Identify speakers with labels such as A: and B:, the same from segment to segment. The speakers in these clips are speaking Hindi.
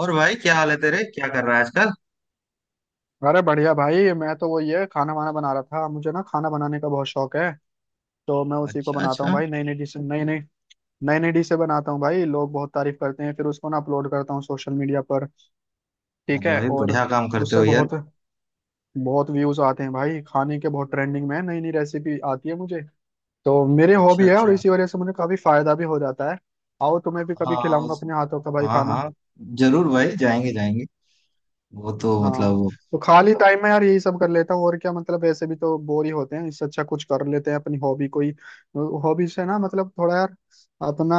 A: और भाई, क्या हाल है तेरे? क्या कर रहा है आजकल?
B: अरे बढ़िया भाई। मैं तो वो ये खाना वाना बना रहा था। मुझे ना खाना बनाने का बहुत शौक है। तो मैं उसी को
A: अच्छा,
B: बनाता हूँ
A: अच्छा।
B: भाई। नई नई डिश नई नई नई नई डिशें बनाता हूँ भाई। लोग बहुत तारीफ करते हैं, फिर उसको ना अपलोड करता हूँ सोशल मीडिया पर। ठीक
A: अरे
B: है।
A: भाई,
B: और
A: बढ़िया काम करते
B: उससे
A: हो यार।
B: बहुत बहुत व्यूज आते हैं भाई। खाने के बहुत ट्रेंडिंग में है, नई नई रेसिपी आती है मुझे। तो मेरी
A: अच्छा,
B: हॉबी है और
A: अच्छा।
B: इसी वजह से मुझे काफी फायदा भी हो जाता है। आओ, तुम्हें भी कभी
A: हाँ,
B: खिलाऊंगा
A: उस,
B: अपने हाथों का भाई
A: हाँ
B: खाना।
A: हाँ, जरूर भाई, जाएंगे जाएंगे। वो तो
B: हाँ। तो खाली टाइम में यार यही सब कर लेता हूँ और क्या, मतलब ऐसे भी तो बोर ही होते हैं, इससे अच्छा कुछ कर लेते हैं अपनी हॉबी कोई। हॉबी से ना मतलब थोड़ा यार, अपना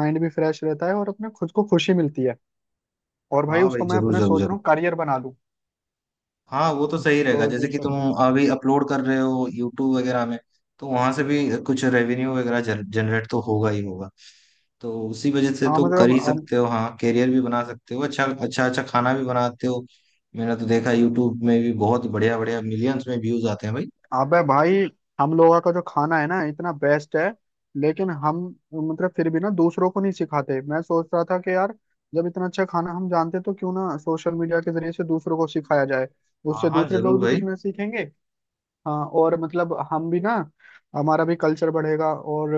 B: माइंड भी फ्रेश रहता है और अपने खुद को खुशी मिलती है। और भाई
A: हाँ भाई,
B: उसको मैं
A: जरूर
B: अपना
A: जरूर
B: सोच रहा
A: जरूर।
B: हूँ करियर बना लूँ।
A: हाँ, वो तो सही रहेगा।
B: तो
A: जैसे
B: ये
A: कि
B: सब।
A: तुम अभी अपलोड कर रहे हो यूट्यूब वगैरह में, तो वहां से भी कुछ रेवेन्यू वगैरह जनरेट तो होगा ही होगा। तो उसी वजह से
B: हाँ
A: तो कर ही
B: मतलब,
A: सकते हो। हाँ, करियर भी बना सकते हो। अच्छा अच्छा अच्छा, खाना भी बनाते हो। मैंने तो देखा यूट्यूब में भी, बहुत बढ़िया बढ़िया मिलियंस में व्यूज आते हैं भाई।
B: अबे भाई, हम लोगों का जो खाना है ना इतना बेस्ट है। लेकिन हम मतलब फिर भी ना दूसरों को नहीं सिखाते। मैं सोच रहा था कि यार जब इतना अच्छा खाना हम जानते तो क्यों ना सोशल मीडिया के जरिए से दूसरों को सिखाया जाए।
A: हाँ
B: उससे
A: हाँ
B: दूसरे
A: जरूर
B: लोग भी
A: भाई।
B: कुछ ना सीखेंगे। हाँ, और मतलब हम भी ना, हमारा भी कल्चर बढ़ेगा। और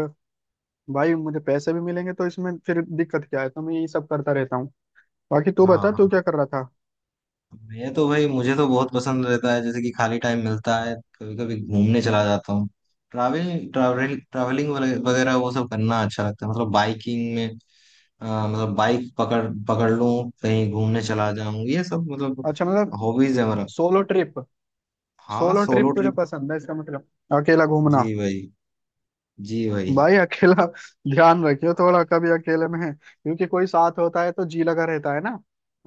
B: भाई मुझे पैसे भी मिलेंगे, तो इसमें फिर दिक्कत क्या है। तो मैं यही सब करता रहता हूँ। बाकी तू
A: हाँ
B: बता,
A: हाँ,
B: तू क्या कर रहा था।
A: मैं तो भाई, मुझे तो बहुत पसंद रहता है। जैसे कि खाली टाइम मिलता है, कभी कभी घूमने चला जाता हूँ। ट्रैवलिंग ट्रैवलिंग ट्रैवलिंग वगैरह, वो सब करना अच्छा लगता है। बाइकिंग में, आ, मतलब बाइक पकड़ पकड़ लूं, कहीं घूमने चला जाऊं, ये सब
B: अच्छा, मतलब
A: हॉबीज है मेरा।
B: सोलो ट्रिप
A: हाँ,
B: सोलो
A: सोलो
B: ट्रिप तुझे
A: ट्रिप।
B: पसंद है इसका मतलब, अकेला घूमना।
A: जी भाई, जी भाई।
B: भाई अकेला ध्यान रखियो थोड़ा कभी अकेले में, क्योंकि कोई साथ होता है तो जी लगा रहता है ना।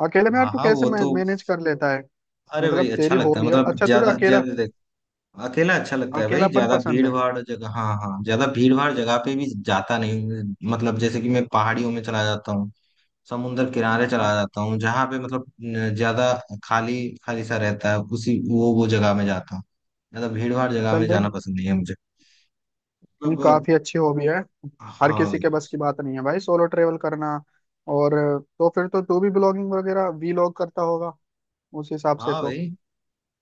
B: अकेले में यार
A: हाँ
B: तू
A: हाँ,
B: कैसे
A: वो तो,
B: मैनेज कर लेता है।
A: अरे
B: मतलब
A: भाई अच्छा
B: तेरी
A: लगता है।
B: हॉबी है। अच्छा, तुझे
A: ज्यादा ज्यादा अकेला अच्छा लगता है भाई।
B: अकेलापन
A: ज्यादा
B: पसंद
A: भीड़
B: है।
A: भाड़ जगह, हाँ हाँ, ज्यादा भीड़ भाड़ जगह पे भी जाता नहीं हूँ। मतलब जैसे कि मैं पहाड़ियों में चला जाता हूँ, समुन्द्र किनारे
B: हाँ,
A: चला जाता हूँ। जहाँ पे मतलब न, ज्यादा खाली खाली सा रहता है, उसी वो जगह में जाता हूँ। ज्यादा भीड़ भाड़ जगह
B: चल
A: में जाना
B: देख,
A: पसंद नहीं है मुझे।
B: ये
A: मतलब
B: काफी अच्छी हॉबी है। हर
A: हाँ
B: किसी
A: भाई।
B: के बस की बात नहीं है भाई, सोलो ट्रेवल करना। और तो फिर तो तू भी ब्लॉगिंग वगैरह वीलॉग करता होगा उस हिसाब से
A: हाँ
B: तो।
A: भाई,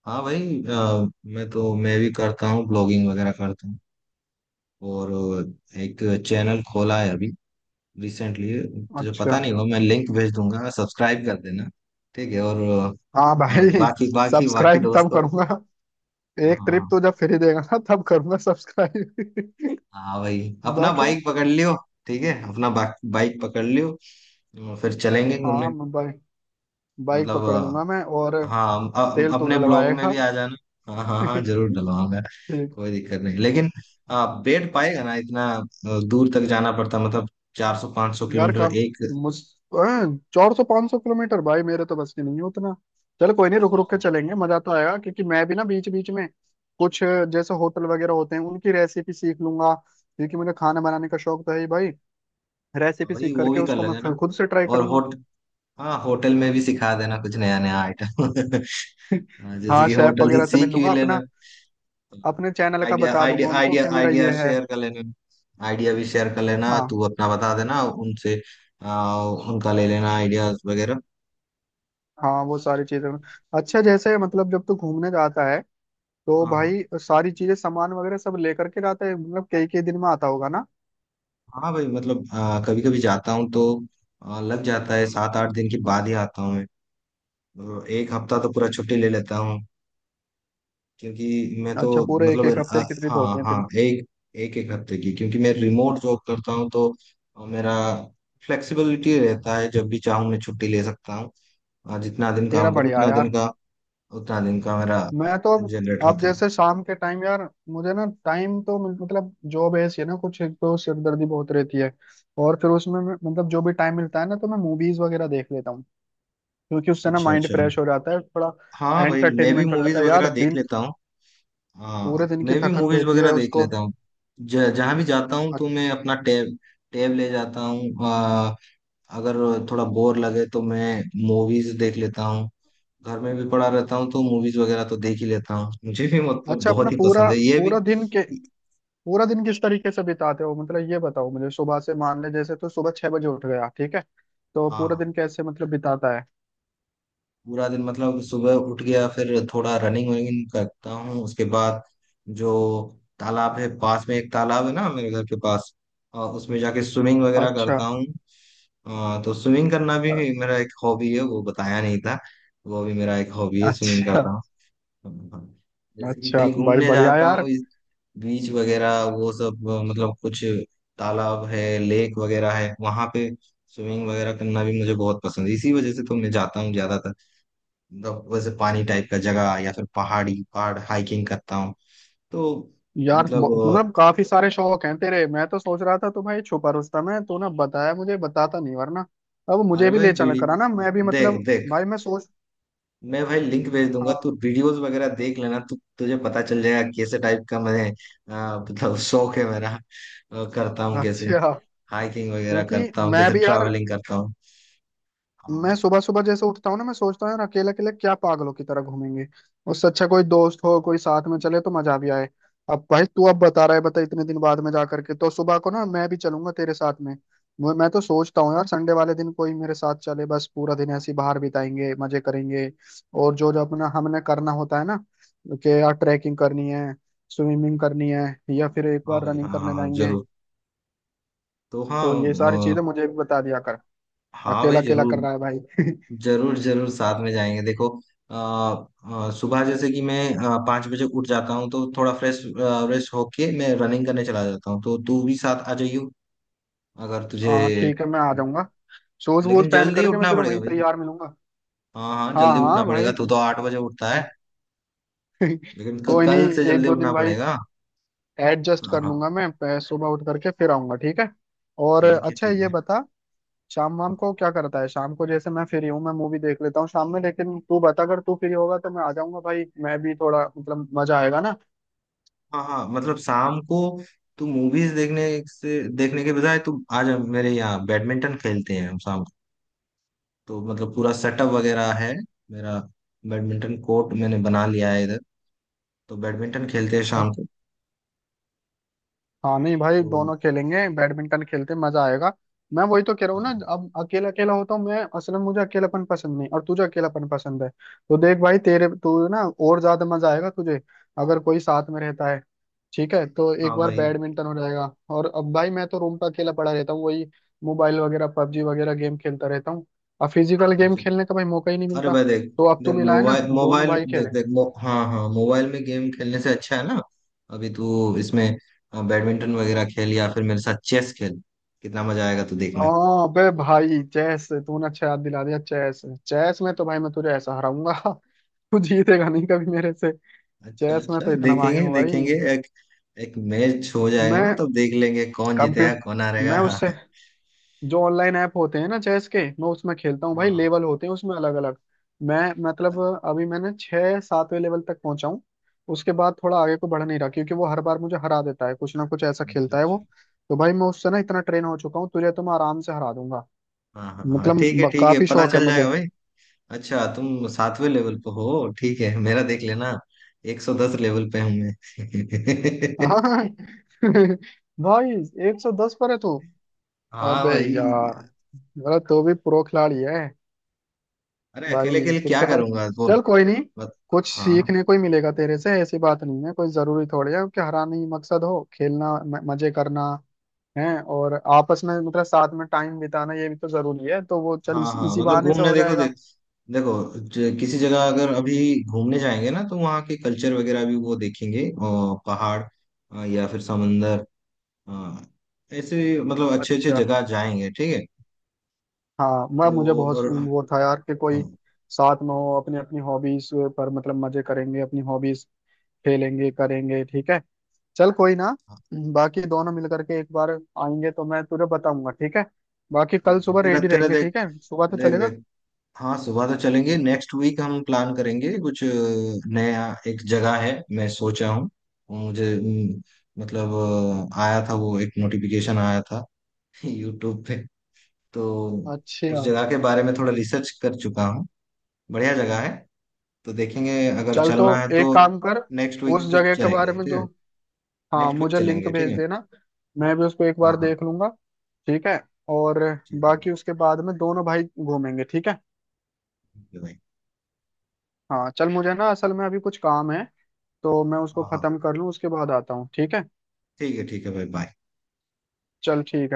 A: हाँ भाई, मैं भी करता हूँ, ब्लॉगिंग वगैरह करता हूँ। और एक चैनल खोला है अभी, रिसेंटली। तुझे
B: अच्छा।
A: पता नहीं हो, मैं लिंक भेज दूंगा, सब्सक्राइब कर देना। ठीक है और
B: हाँ भाई,
A: बाकी बाकी बाकी
B: सब्सक्राइब तब
A: दोस्तों को।
B: करूंगा, एक ट्रिप
A: हाँ।
B: तू जब फ्री देगा ना तब करूंगा सब्सक्राइब।
A: हाँ भाई, अपना
B: बाकी
A: बाइक पकड़ लियो। ठीक है, अपना बाइक पकड़ लियो, और फिर चलेंगे
B: हाँ,
A: घूमने।
B: मैं बाइक बाइक
A: मतलब
B: पकड़ लूंगा मैं। और
A: हाँ
B: तेल तो
A: अपने ब्लॉग में
B: डलवाएगा।
A: भी आ जाना। हाँ हाँ हाँ, जरूर डलवाऊंगा, कोई दिक्कत नहीं। लेकिन बैठ पाएगा ना इतना? दूर तक जाना पड़ता। मतलब चार सौ पाँच सौ
B: यार
A: किलोमीटर
B: काम
A: एक।
B: मुझ 400-500 किलोमीटर भाई मेरे तो बस की नहीं है उतना। चल कोई नहीं, रुक रुक के चलेंगे, मजा तो आएगा, क्योंकि मैं भी ना बीच बीच में कुछ जैसे होटल वगैरह होते हैं उनकी रेसिपी सीख लूंगा। क्योंकि मुझे खाना बनाने का शौक तो है ही भाई। रेसिपी
A: वही,
B: सीख
A: वो
B: करके
A: भी कर
B: उसको मैं
A: लेंगे ना।
B: फिर खुद से ट्राई
A: और
B: करूंगा।
A: होट हाँ, होटल में भी सिखा देना कुछ नया नया आइटम। हाँ, जैसे
B: हाँ,
A: कि
B: शेफ
A: होटल से
B: वगैरह से मिल
A: सीख भी
B: लूंगा।
A: लेना।
B: अपना अपने चैनल का
A: आइडिया
B: बता दूंगा
A: आइडिया
B: उनको
A: आइडिया
B: कि मेरा
A: आइडिया
B: ये है।
A: शेयर कर लेना। आइडिया भी शेयर कर लेना,
B: हाँ
A: तू अपना बता देना उनसे। उनका ले लेना आइडियाज वगैरह।
B: हाँ, वो सारी चीजें। अच्छा, जैसे मतलब जब तू घूमने जाता है तो
A: हाँ
B: भाई सारी चीजें, सामान वगैरह सब लेकर के जाता है। मतलब कई कई दिन में आता होगा ना।
A: हाँ भाई। मतलब कभी कभी जाता हूँ तो लग जाता है, 7-8 दिन के बाद ही आता हूँ मैं। तो एक हफ्ता तो पूरा छुट्टी ले लेता हूँ। क्योंकि मैं
B: अच्छा,
A: तो
B: पूरे एक एक हफ्ते की ट्रिप
A: हाँ
B: होती है तेरी।
A: हाँ, एक एक एक हफ्ते की, क्योंकि मैं रिमोट जॉब करता हूँ। तो मेरा फ्लेक्सिबिलिटी रहता है, जब भी चाहूँ मैं छुट्टी ले सकता हूँ। जितना दिन
B: तेरा
A: काम करूँ,
B: बढ़िया है यार।
A: उतना दिन का मेरा
B: मैं तो
A: जनरेट
B: अब
A: होता है।
B: जैसे शाम के टाइम यार मुझे ना टाइम तो, मतलब जॉब ऐसी है ना, कुछ एक तो सिरदर्दी बहुत रहती है। और फिर उसमें मतलब जो भी टाइम मिलता है ना, तो मैं मूवीज वगैरह देख लेता हूँ, क्योंकि उससे ना
A: अच्छा
B: माइंड
A: अच्छा।
B: फ्रेश हो जाता है थोड़ा।
A: हाँ भाई, मैं भी
B: एंटरटेनमेंट हो
A: मूवीज
B: जाता है यार
A: वगैरह देख
B: दिन,
A: लेता हूँ।
B: पूरे
A: हाँ,
B: दिन की
A: मैं भी
B: थकन
A: मूवीज
B: रहती
A: वगैरह
B: है
A: देख
B: उसको।
A: लेता हूँ। जहाँ भी जाता हूँ,
B: अ-
A: तो मैं अपना टैब टैब ले जाता हूँ। अगर थोड़ा बोर लगे, तो मैं मूवीज देख लेता हूँ। घर में भी पड़ा रहता हूँ, तो मूवीज वगैरह तो देख ही लेता हूँ। मुझे भी मतलब
B: अच्छा, अपना
A: बहुत ही
B: पूरा
A: पसंद है ये
B: पूरा
A: भी।
B: दिन के पूरा दिन किस तरीके से बिताते हो, मतलब ये बताओ मुझे। सुबह से मान ले जैसे, तो सुबह 6 बजे उठ गया, ठीक है, तो पूरा
A: हाँ,
B: दिन कैसे मतलब बिताता है।
A: पूरा दिन मतलब सुबह उठ गया, फिर थोड़ा रनिंग वनिंग करता हूँ। उसके बाद जो तालाब है, पास में एक तालाब है ना मेरे घर के पास, उसमें जाके स्विमिंग वगैरह
B: अच्छा
A: करता हूँ। तो स्विमिंग करना भी
B: अ-
A: मेरा एक हॉबी है, वो बताया नहीं था। वो भी मेरा एक हॉबी है, स्विमिंग
B: अच्छा
A: करता हूँ। जैसे कि
B: अच्छा,
A: कहीं
B: बड़ी
A: घूमने
B: बढ़िया
A: जाता
B: यार।
A: हूँ, बीच वगैरह वो सब, मतलब कुछ तालाब है, लेक वगैरह है वहां पे। स्विमिंग वगैरह करना भी मुझे बहुत पसंद है, इसी वजह से तो मैं जाता हूँ ज्यादातर। मतलब वैसे पानी टाइप का जगह, या फिर पहाड़ी पहाड़ हाइकिंग करता हूँ तो।
B: यार
A: मतलब अ,
B: मतलब काफी सारे शौक हैं तेरे। मैं तो सोच रहा था तो भाई, छुपा रुस्तम है, तूने बताया मुझे, बताता नहीं वरना। अब
A: अरे
B: मुझे भी
A: भाई,
B: ले चला
A: बीड़ी,
B: करा ना, मैं भी
A: देख
B: मतलब।
A: देख,
B: भाई मैं सोच।
A: मैं भाई लिंक भेज दूंगा, तू
B: हाँ,
A: वीडियोस वगैरह देख लेना, तू तुझे पता चल जाएगा कैसे टाइप का मैं मतलब शौक है मेरा। करता हूँ, कैसे
B: अच्छा,
A: हाइकिंग वगैरह
B: क्योंकि
A: करता हूँ,
B: मैं
A: कैसे
B: भी यार,
A: ट्रैवलिंग करता
B: मैं
A: हूँ।
B: सुबह सुबह जैसे उठता हूँ ना, मैं सोचता हूँ यार अकेले अकेले क्या पागलों की तरह घूमेंगे। उससे अच्छा कोई दोस्त हो, कोई साथ में चले, तो मजा भी आए। अब भाई तू अब बता रहा है, बता इतने दिन बाद में जा करके, तो सुबह को ना मैं भी चलूंगा तेरे साथ में। मैं तो सोचता हूँ यार संडे वाले दिन कोई मेरे साथ चले, बस पूरा दिन ऐसे ही बाहर बिताएंगे, मजे करेंगे। और जो जो अपना हमने करना होता है ना कि यार ट्रैकिंग करनी है, स्विमिंग करनी है, या फिर एक
A: हाँ
B: बार
A: भाई, हाँ
B: रनिंग
A: हाँ
B: करने
A: हाँ,
B: जाएंगे।
A: जरूर। तो हाँ
B: तो ये सारी
A: अ,
B: चीजें मुझे भी बता दिया कर।
A: हाँ
B: अकेला
A: भाई,
B: अकेला
A: जरूर
B: कर रहा है भाई।
A: जरूर जरूर, साथ में जाएंगे। देखो अ, सुबह जैसे कि मैं 5 बजे उठ जाता हूँ। तो थोड़ा फ्रेश फ्रेश होके मैं रनिंग करने चला जाता हूँ, तो तू भी साथ आ जाइयो, अगर तुझे।
B: हाँ ठीक है, मैं आ जाऊंगा। शूज वूज
A: लेकिन
B: पहन
A: जल्दी
B: करके मैं
A: उठना
B: तुझे
A: पड़ेगा
B: वहीं
A: भाई।
B: तैयार मिलूंगा।
A: हाँ हाँ,
B: हाँ
A: जल्दी उठना
B: हाँ
A: पड़ेगा।
B: भाई।
A: तू तो 8 बजे उठता है, लेकिन
B: कोई
A: कल
B: नहीं,
A: से
B: एक
A: जल्दी
B: दो दिन
A: उठना
B: भाई
A: पड़ेगा।
B: एडजस्ट
A: हाँ
B: कर
A: हाँ,
B: लूंगा मैं। सुबह उठ करके फिर आऊंगा, ठीक है। और
A: ठीक है
B: अच्छा ये
A: ठीक
B: बता, शाम
A: है।
B: वाम को क्या करता है। शाम को जैसे मैं फ्री हूँ मैं मूवी देख लेता हूँ शाम में, लेकिन तू बता, अगर तू फ्री होगा तो मैं आ जाऊंगा भाई, मैं भी थोड़ा, मतलब मजा आएगा
A: हाँ हाँ मतलब शाम को, तू मूवीज देखने के बजाय तू आज मेरे यहाँ, बैडमिंटन खेलते हैं हम शाम को। तो मतलब पूरा सेटअप वगैरह है मेरा, बैडमिंटन कोर्ट मैंने बना लिया है इधर। तो बैडमिंटन खेलते हैं
B: ना।
A: शाम को।
B: हाँ नहीं भाई,
A: तो
B: दोनों खेलेंगे, बैडमिंटन खेलते हैं, मजा आएगा। मैं वही तो कह रहा हूँ ना,
A: हाँ
B: अब अकेला अकेला होता हूँ मैं असल में, मुझे अकेलापन पसंद नहीं, और तुझे अकेलापन पसंद है, तो देख भाई तेरे, तू ना और ज्यादा मजा आएगा तुझे अगर कोई साथ में रहता है, ठीक है। तो एक
A: हाँ
B: बार
A: भाई।
B: बैडमिंटन हो जाएगा, और अब भाई मैं तो रूम पर अकेला पड़ा रहता हूँ, वही मोबाइल वगैरह पबजी वगैरह गेम खेलता रहता हूँ। अब फिजिकल गेम
A: अच्छा,
B: खेलने का भाई मौका ही नहीं
A: अरे
B: मिलता,
A: भाई देख
B: तो अब तू
A: देख,
B: मिला है ना,
A: मोबाइल
B: दोनों
A: मोबाइल
B: भाई
A: देख
B: खेलेंगे।
A: देख मो, हाँ हाँ, मोबाइल में गेम खेलने से अच्छा है ना, अभी तू इसमें बैडमिंटन वगैरह खेल, या फिर मेरे साथ चेस खेल। कितना मजा आएगा तू देखना।
B: हाँ बे भाई, चेस तूने अच्छा याद दिला दिया, चेस। चेस में तो भाई मैं तुझे ऐसा हराऊंगा। तू जीतेगा नहीं कभी मेरे से।
A: अच्छा
B: चेस में
A: अच्छा,
B: तो इतना माहिर
A: देखेंगे
B: हूँ भाई।
A: देखेंगे। एक एक मैच हो जाएगा ना,
B: मैं
A: तब देख लेंगे कौन जीतेगा
B: कंप्यूटर
A: कौन हारेगा।
B: मैं
A: हाँ
B: उससे जो ऑनलाइन ऐप होते हैं ना चेस के, मैं उसमें खेलता हूँ भाई।
A: हाँ,
B: लेवल होते हैं उसमें अलग अलग। मैं मतलब, अभी मैंने छः सातवें लेवल तक पहुंचा हूँ। उसके बाद थोड़ा आगे को बढ़ नहीं रहा, क्योंकि वो हर बार मुझे हरा देता है, कुछ ना कुछ ऐसा
A: अच्छा
B: खेलता है
A: अच्छा।
B: वो। तो भाई मैं उससे ना इतना ट्रेन हो चुका हूँ, तुझे तो मैं आराम से हरा दूंगा।
A: हाँ हाँ हाँ,
B: मतलब
A: ठीक है ठीक है,
B: काफी
A: पता
B: शौक है
A: चल
B: मुझे।
A: जाएगा भाई। अच्छा, तुम सातवें लेवल पे हो, ठीक है, मेरा देख लेना। 110 लेवल पे हूँ मैं।
B: हाँ भाई, 110 पर है तू।
A: हाँ
B: अबे
A: भाई,
B: यार, मतलब तो भी प्रो खिलाड़ी है।
A: अरे अकेले
B: भाई
A: अकेले
B: फिर
A: क्या
B: तो यार,
A: करूंगा बोल।
B: चल कोई नहीं,
A: बस।
B: कुछ
A: हाँ
B: सीखने को ही मिलेगा तेरे से। ऐसी बात नहीं है, कोई जरूरी थोड़ी है कि हराना ही मकसद हो, खेलना मजे करना है। और आपस में मतलब साथ में टाइम बिताना ये भी तो जरूरी है, तो वो चल
A: हाँ हाँ,
B: इसी
A: मतलब
B: बहाने से
A: घूमने,
B: हो जाएगा।
A: देखो, किसी जगह अगर अभी घूमने जाएंगे ना, तो वहाँ के कल्चर वगैरह भी वो देखेंगे, और पहाड़ या फिर समंदर, अ, ऐसे मतलब अच्छे अच्छे
B: अच्छा
A: जगह जाएंगे, ठीक है।
B: हाँ, मैं,
A: तो
B: मुझे बहुत
A: और हाँ,
B: वो था यार कि कोई
A: हाँ,
B: साथ में हो, अपनी अपनी हॉबीज पर, मतलब मजे करेंगे, अपनी हॉबीज खेलेंगे करेंगे, ठीक है। चल कोई ना, बाकी दोनों मिल करके एक बार आएंगे तो मैं तुझे बताऊंगा, ठीक है। बाकी कल
A: ठीक है।
B: सुबह
A: तेरा
B: रेडी
A: तेरा
B: रहेंगे
A: देख,
B: ठीक है, सुबह तो
A: देख
B: चलेगा।
A: देख। हाँ, सुबह तो चलेंगे। नेक्स्ट वीक हम प्लान करेंगे कुछ नया, एक जगह है मैं सोचा हूँ। मुझे मतलब आया था, वो एक नोटिफिकेशन आया था यूट्यूब पे। तो
B: अच्छा,
A: उस जगह के बारे में थोड़ा रिसर्च कर चुका हूँ, बढ़िया जगह है। तो देखेंगे, अगर
B: चल तो
A: चलना है
B: एक
A: तो
B: काम कर,
A: नेक्स्ट
B: उस
A: वीक पे
B: जगह के बारे
A: चलेंगे
B: में
A: ठीक है।
B: जो, हाँ
A: नेक्स्ट वीक
B: मुझे लिंक
A: चलेंगे ठीक
B: भेज
A: है
B: देना, मैं भी उसको एक
A: हाँ
B: बार
A: हाँ,
B: देख लूंगा, ठीक है। और
A: ठीक है,
B: बाकी उसके बाद में दोनों भाई घूमेंगे, ठीक है।
A: ठीक है भाई।
B: हाँ चल, मुझे ना असल में अभी कुछ काम है, तो मैं उसको
A: हाँ हाँ,
B: खत्म कर लूँ, उसके बाद आता हूँ, ठीक है।
A: ठीक है, ठीक है भाई, बाय।
B: चल ठीक है।